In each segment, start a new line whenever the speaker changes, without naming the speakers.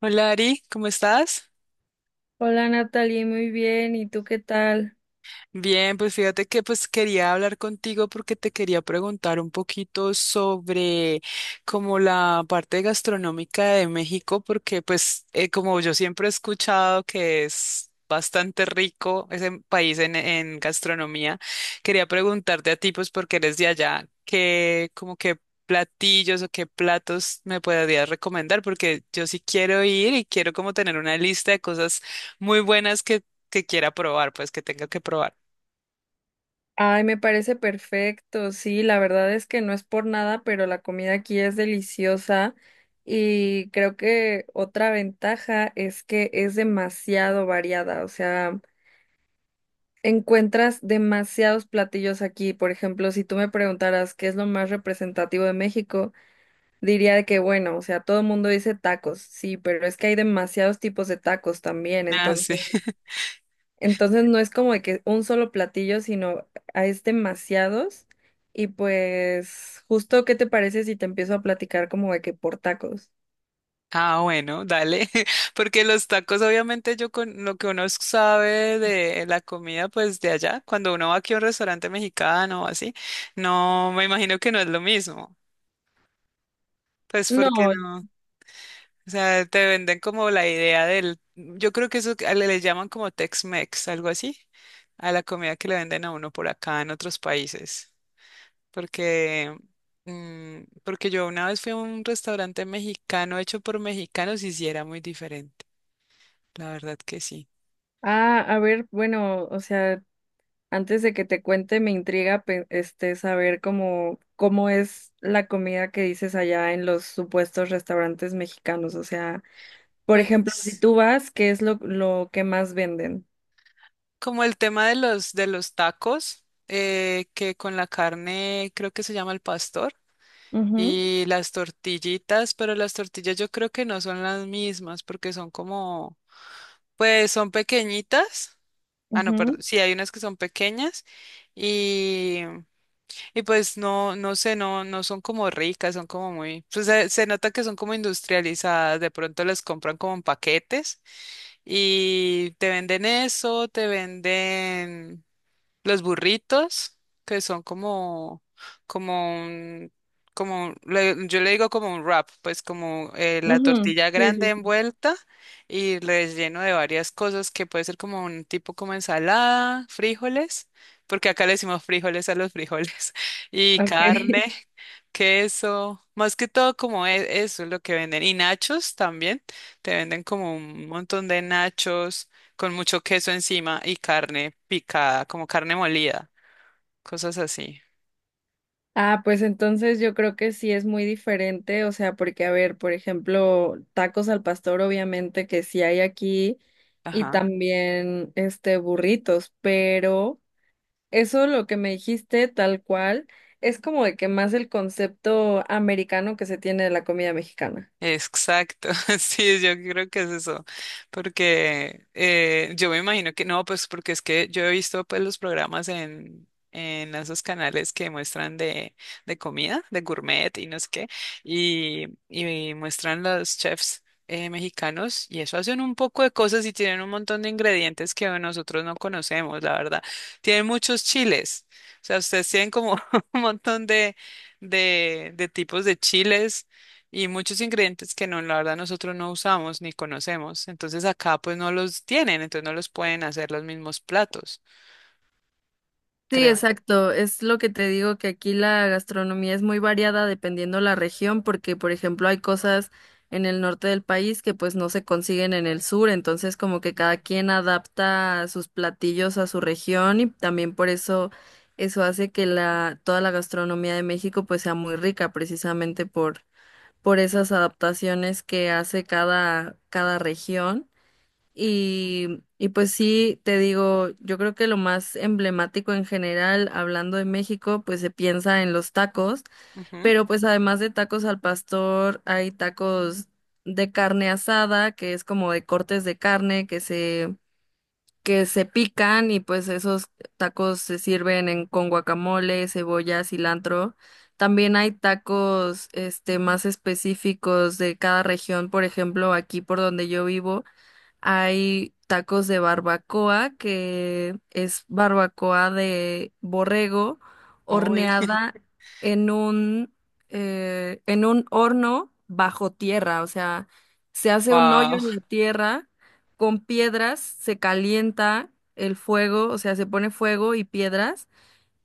Hola Ari, ¿cómo estás?
Hola Natalie, muy bien. ¿Y tú qué tal?
Bien, pues fíjate que quería hablar contigo porque te quería preguntar un poquito sobre como la parte gastronómica de México, porque pues como yo siempre he escuchado que es bastante rico ese país en gastronomía, quería preguntarte a ti pues porque eres de allá, qué como qué platillos o qué platos me podrías recomendar, porque yo sí quiero ir y quiero como tener una lista de cosas muy buenas que quiera probar, pues que tenga que probar.
Ay, me parece perfecto. Sí, la verdad es que no es por nada, pero la comida aquí es deliciosa y creo que otra ventaja es que es demasiado variada. O sea, encuentras demasiados platillos aquí. Por ejemplo, si tú me preguntaras qué es lo más representativo de México, diría de que bueno, o sea, todo el mundo dice tacos, sí, pero es que hay demasiados tipos de tacos también,
Ah, sí.
entonces. Entonces no es como de que un solo platillo, sino es demasiados. Y pues, justo, ¿qué te parece si te empiezo a platicar como de que por tacos?
Ah, bueno, dale. Porque los tacos, obviamente, yo con lo que uno sabe de la comida, pues de allá, cuando uno va aquí a un restaurante mexicano o así, no, me imagino que no es lo mismo. Pues porque
No,
no. O sea, te venden como la idea del, yo creo que eso que le llaman como Tex-Mex, algo así, a la comida que le venden a uno por acá en otros países. Porque, porque yo una vez fui a un restaurante mexicano hecho por mexicanos y sí era muy diferente, la verdad que sí.
a ver, bueno, o sea, antes de que te cuente, me intriga este saber cómo, cómo es la comida que dices allá en los supuestos restaurantes mexicanos. O sea, por ejemplo, si
Pues
tú vas, ¿qué es lo que más venden?
como el tema de los tacos, que con la carne creo que se llama el pastor.
Ujú,
Y las tortillitas, pero las tortillas yo creo que no son las mismas porque son como, pues son pequeñitas. Ah, no,
ujú,
perdón. Sí, hay unas que son pequeñas. Y pues no, no sé, no son como ricas, son como muy, pues se nota que son como industrializadas, de pronto les compran como en paquetes y te venden eso, te venden los burritos, que son como, como un, como un yo le digo como un wrap, pues como la
ujú.
tortilla
Sí,
grande
sí, sí.
envuelta y relleno de varias cosas que puede ser como un tipo como ensalada, frijoles, porque acá le decimos frijoles a los frijoles, y
Ok.
carne, queso, más que todo como eso es lo que venden. Y nachos también, te venden como un montón de nachos con mucho queso encima y carne picada, como carne molida, cosas así.
Ah, pues entonces yo creo que sí es muy diferente, o sea, porque a ver, por ejemplo, tacos al pastor obviamente que sí hay aquí y
Ajá.
también este burritos, pero eso lo que me dijiste tal cual es como de que más el concepto americano que se tiene de la comida mexicana.
Exacto, sí, yo creo que es eso, porque yo me imagino que no, pues porque es que yo he visto pues los programas en esos canales que muestran de comida, de gourmet y no sé qué, y muestran los chefs mexicanos y eso hacen un poco de cosas y tienen un montón de ingredientes que nosotros no conocemos, la verdad. Tienen muchos chiles, o sea, ustedes tienen como un montón de tipos de chiles y muchos ingredientes que no, la verdad, nosotros no usamos ni conocemos. Entonces acá pues no los tienen, entonces no los pueden hacer los mismos platos,
Sí,
creo
exacto. Es lo que te digo que aquí la gastronomía es muy variada dependiendo la región, porque por ejemplo hay cosas en el norte del país que pues no se consiguen en el sur, entonces como que cada quien adapta sus platillos a su región y también por eso eso hace que la toda la gastronomía de México pues sea muy rica precisamente por esas adaptaciones que hace cada región.
yo.
Y pues sí, te digo, yo creo que lo más emblemático en general, hablando de México, pues se piensa en los tacos,
Ujú.
pero pues además de tacos al pastor, hay tacos de carne asada, que es como de cortes de carne que se pican y pues esos tacos se sirven en, con guacamole, cebolla, cilantro. También hay tacos, este, más específicos de cada región, por ejemplo, aquí por donde yo vivo. Hay tacos de barbacoa, que es barbacoa de borrego
Uy,
horneada en un, en un horno bajo tierra. O sea, se hace un
wow.
hoyo en la tierra con piedras, se calienta el fuego, o sea, se pone fuego y piedras.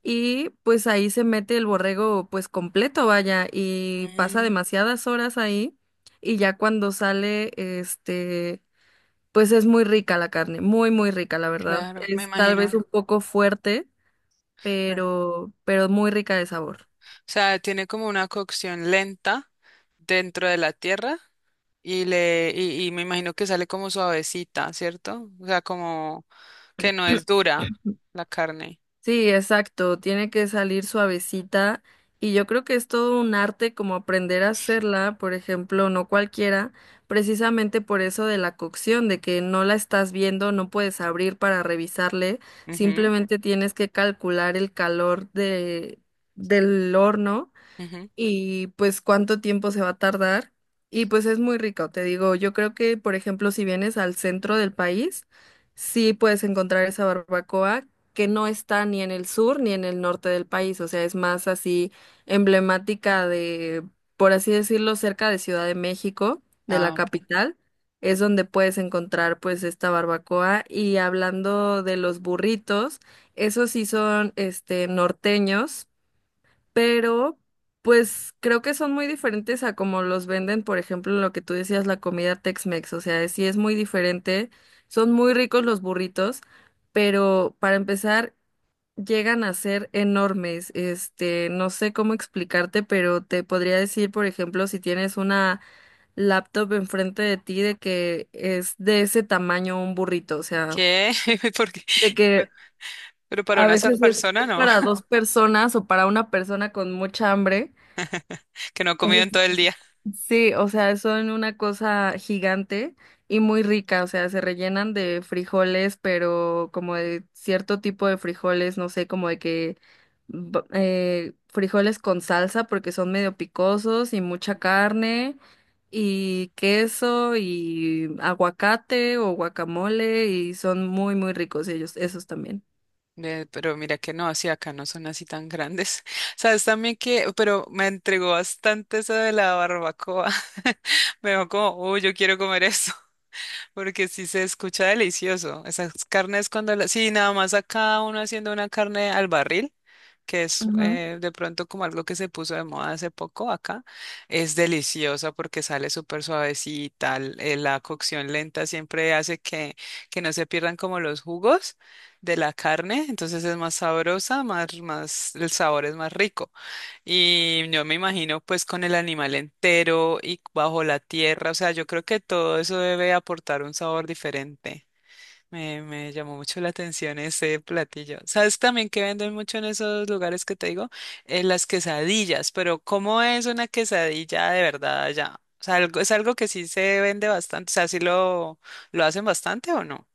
Y pues ahí se mete el borrego pues completo, vaya, y pasa
Mm,
demasiadas horas ahí. Y ya cuando sale, este pues es muy rica la carne, muy, muy rica, la verdad.
claro, me
Es tal vez
imagino.
un poco fuerte,
O
pero muy rica de sabor.
sea, tiene como una cocción lenta dentro de la tierra y y me imagino que sale como suavecita, ¿cierto? O sea, como que no es dura la carne.
Sí, exacto, tiene que salir suavecita y yo creo que es todo un arte como aprender a hacerla, por ejemplo, no cualquiera, precisamente por eso de la cocción, de que no la estás viendo, no puedes abrir para revisarle,
Ujú,
simplemente tienes que calcular el calor de, del horno
ujú.
y pues cuánto tiempo se va a tardar. Y pues es muy rico, te digo, yo creo que, por ejemplo, si vienes al centro del país, sí puedes encontrar esa barbacoa que no está ni en el sur ni en el norte del país, o sea, es más así emblemática de, por así decirlo, cerca de Ciudad de México, de la
Ah, ok.
capital, es donde puedes encontrar pues esta barbacoa. Y hablando de los burritos, esos sí son este norteños pero pues creo que son muy diferentes a como los venden, por ejemplo, lo que tú decías, la comida Tex-Mex, o sea, sí es muy diferente, son muy ricos los burritos, pero para empezar, llegan a ser enormes, este, no sé cómo explicarte, pero te podría decir, por ejemplo, si tienes una laptop enfrente de ti, de que es de ese tamaño un burrito, o sea,
¿Qué? Porque
de que
pero para
a
una sola
veces es
persona,
es
no.
para dos personas o para una persona con mucha hambre.
Que no comido en todo el día.
Sí, o sea, son una cosa gigante y muy rica, o sea, se rellenan de frijoles, pero como de cierto tipo de frijoles, no sé, como de que frijoles con salsa porque son medio picosos y mucha carne y queso y aguacate o guacamole y son muy, muy ricos ellos, esos también.
Pero mira que no, sí, acá no son así tan grandes. Sabes también que, pero me entregó bastante eso de la barbacoa. Me dijo como, uy, yo quiero comer eso. Porque sí se escucha delicioso. Esas carnes cuando las... Sí, nada más acá uno haciendo una carne al barril, que es de pronto como algo que se puso de moda hace poco acá, es deliciosa porque sale súper suavecita. La cocción lenta siempre hace que no se pierdan como los jugos de la carne, entonces es más sabrosa, más, más, el sabor es más rico. Y yo me imagino pues con el animal entero y bajo la tierra, o sea, yo creo que todo eso debe aportar un sabor diferente. Me llamó mucho la atención ese platillo. ¿Sabes también que venden mucho en esos lugares que te digo? Las quesadillas, pero ¿cómo es una quesadilla de verdad allá? O sea, algo, es algo que sí se vende bastante, o sea, lo hacen bastante o no?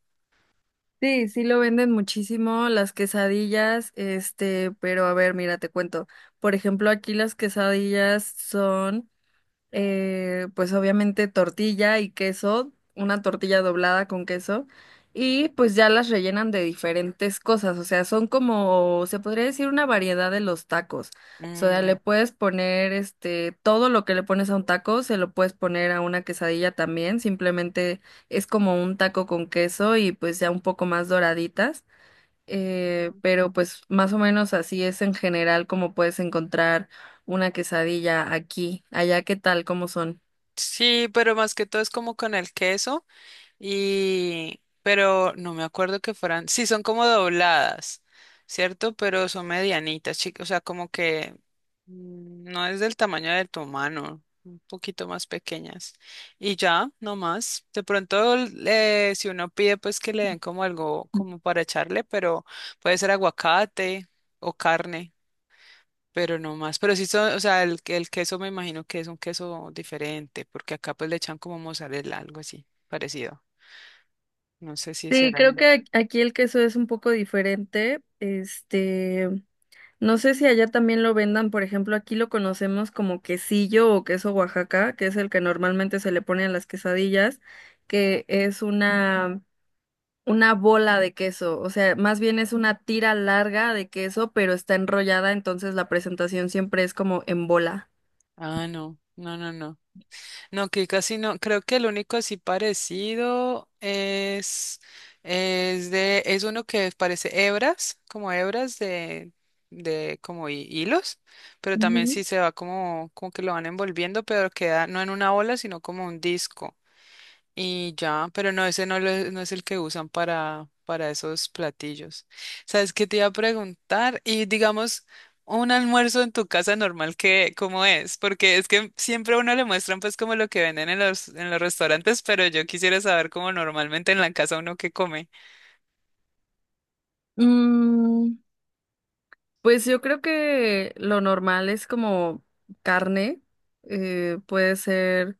Sí, sí lo venden muchísimo las quesadillas, este, pero a ver, mira, te cuento. Por ejemplo, aquí las quesadillas son pues obviamente tortilla y queso, una tortilla doblada con queso, y pues ya las rellenan de diferentes cosas, o sea, son como, se podría decir, una variedad de los tacos. O
Mm,
sea, le
ya.
puedes poner este, todo lo que le pones a un taco, se lo puedes poner a una quesadilla también, simplemente es como un taco con queso y pues ya un poco más doraditas pero pues más o menos así es en general como puedes encontrar una quesadilla aquí. Allá, ¿qué tal? ¿Cómo son?
Sí, pero más que todo es como con el queso. Y, pero no me acuerdo que fueran, sí, son como dobladas, ¿cierto? Pero son medianitas, chicas, o sea, como que no es del tamaño de tu mano, un poquito más pequeñas. Y ya, no más. De pronto, si uno pide, pues que le den como algo como para echarle, pero puede ser aguacate o carne. Pero no más, pero sí son, o sea, el queso me imagino que es un queso diferente, porque acá pues le echan como mozzarella, algo así, parecido. No sé si
Sí, creo
serán.
que aquí el queso es un poco diferente. Este, no sé si allá también lo vendan, por ejemplo, aquí lo conocemos como quesillo o queso Oaxaca, que es el que normalmente se le pone a las quesadillas, que es una bola de queso, o sea, más bien es una tira larga de queso, pero está enrollada, entonces la presentación siempre es como en bola.
Ah, no, no, no, no. No, que casi no. Creo que el único así parecido es de, es uno que parece hebras, como hebras de, de como hilos, pero también
Ujú.
sí se va como, como que lo van envolviendo, pero queda no en una bola sino como un disco. Y ya, pero no, ese no es el que usan para esos platillos. ¿Sabes qué te iba a preguntar? Y digamos, un almuerzo en tu casa normal, ¿qué, cómo es? Porque es que siempre a uno le muestran pues como lo que venden en los restaurantes, pero yo quisiera saber cómo normalmente en la casa uno qué come.
Mm, pues yo creo que lo normal es como carne, puede ser.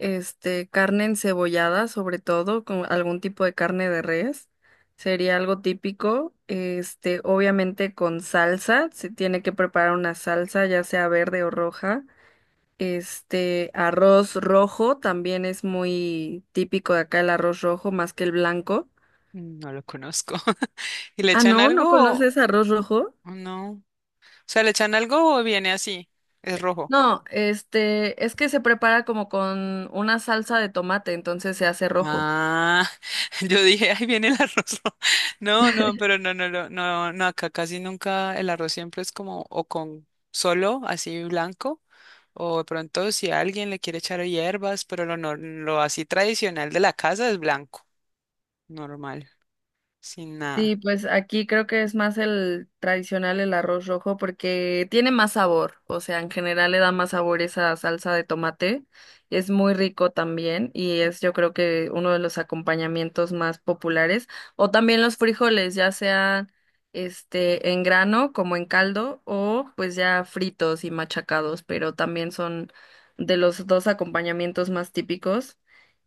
Este, carne encebollada, sobre todo, con algún tipo de carne de res, sería algo típico. Este, obviamente con salsa, se tiene que preparar una salsa, ya sea verde o roja. Este, arroz rojo también es muy típico de acá el arroz rojo más que el blanco.
Mm, no lo conozco. ¿Y le
Ah,
echan
no, ¿no
algo o
conoces arroz rojo?
o no? O sea, ¿le echan algo o viene así? Es rojo.
No, este, es que se prepara como con una salsa de tomate, entonces se hace rojo.
Ah, yo dije, ahí viene el arroz. No, no, pero no, no, acá casi nunca el arroz siempre es como o con solo así blanco o de pronto si alguien le quiere echar hierbas, pero lo, nor- lo así tradicional de la casa es blanco, normal, sin
Sí,
nada.
pues aquí creo que es más el tradicional, el arroz rojo, porque tiene más sabor, o sea, en general le da más sabor esa salsa de tomate, es muy rico también y es yo creo que uno de los acompañamientos más populares, o también los frijoles, ya sean este en grano como en caldo o pues ya fritos y machacados, pero también son de los dos acompañamientos más típicos.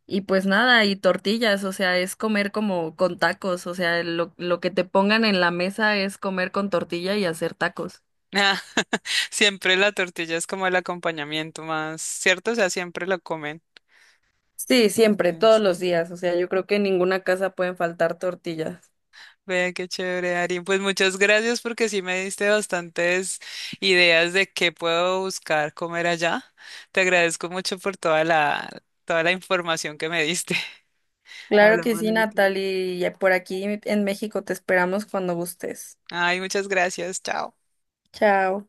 Y pues nada, y tortillas, o sea, es comer como con tacos, o sea, lo que te pongan en la mesa es comer con tortilla y hacer tacos.
Ah, siempre la tortilla es como el acompañamiento más, ¿cierto? O sea, siempre lo comen.
Sí, siempre,
Sí.
todos los
Sí.
días. O sea, yo creo que en ninguna casa pueden faltar tortillas.
Vea qué chévere, Ari. Pues muchas gracias porque sí me diste bastantes ideas de qué puedo buscar comer allá. Te agradezco mucho por toda la información que me diste.
Claro que
Hablamos
sí,
luego.
Natalie. Y por aquí en México te esperamos cuando gustes.
Ay, muchas gracias. Chao.
Chao.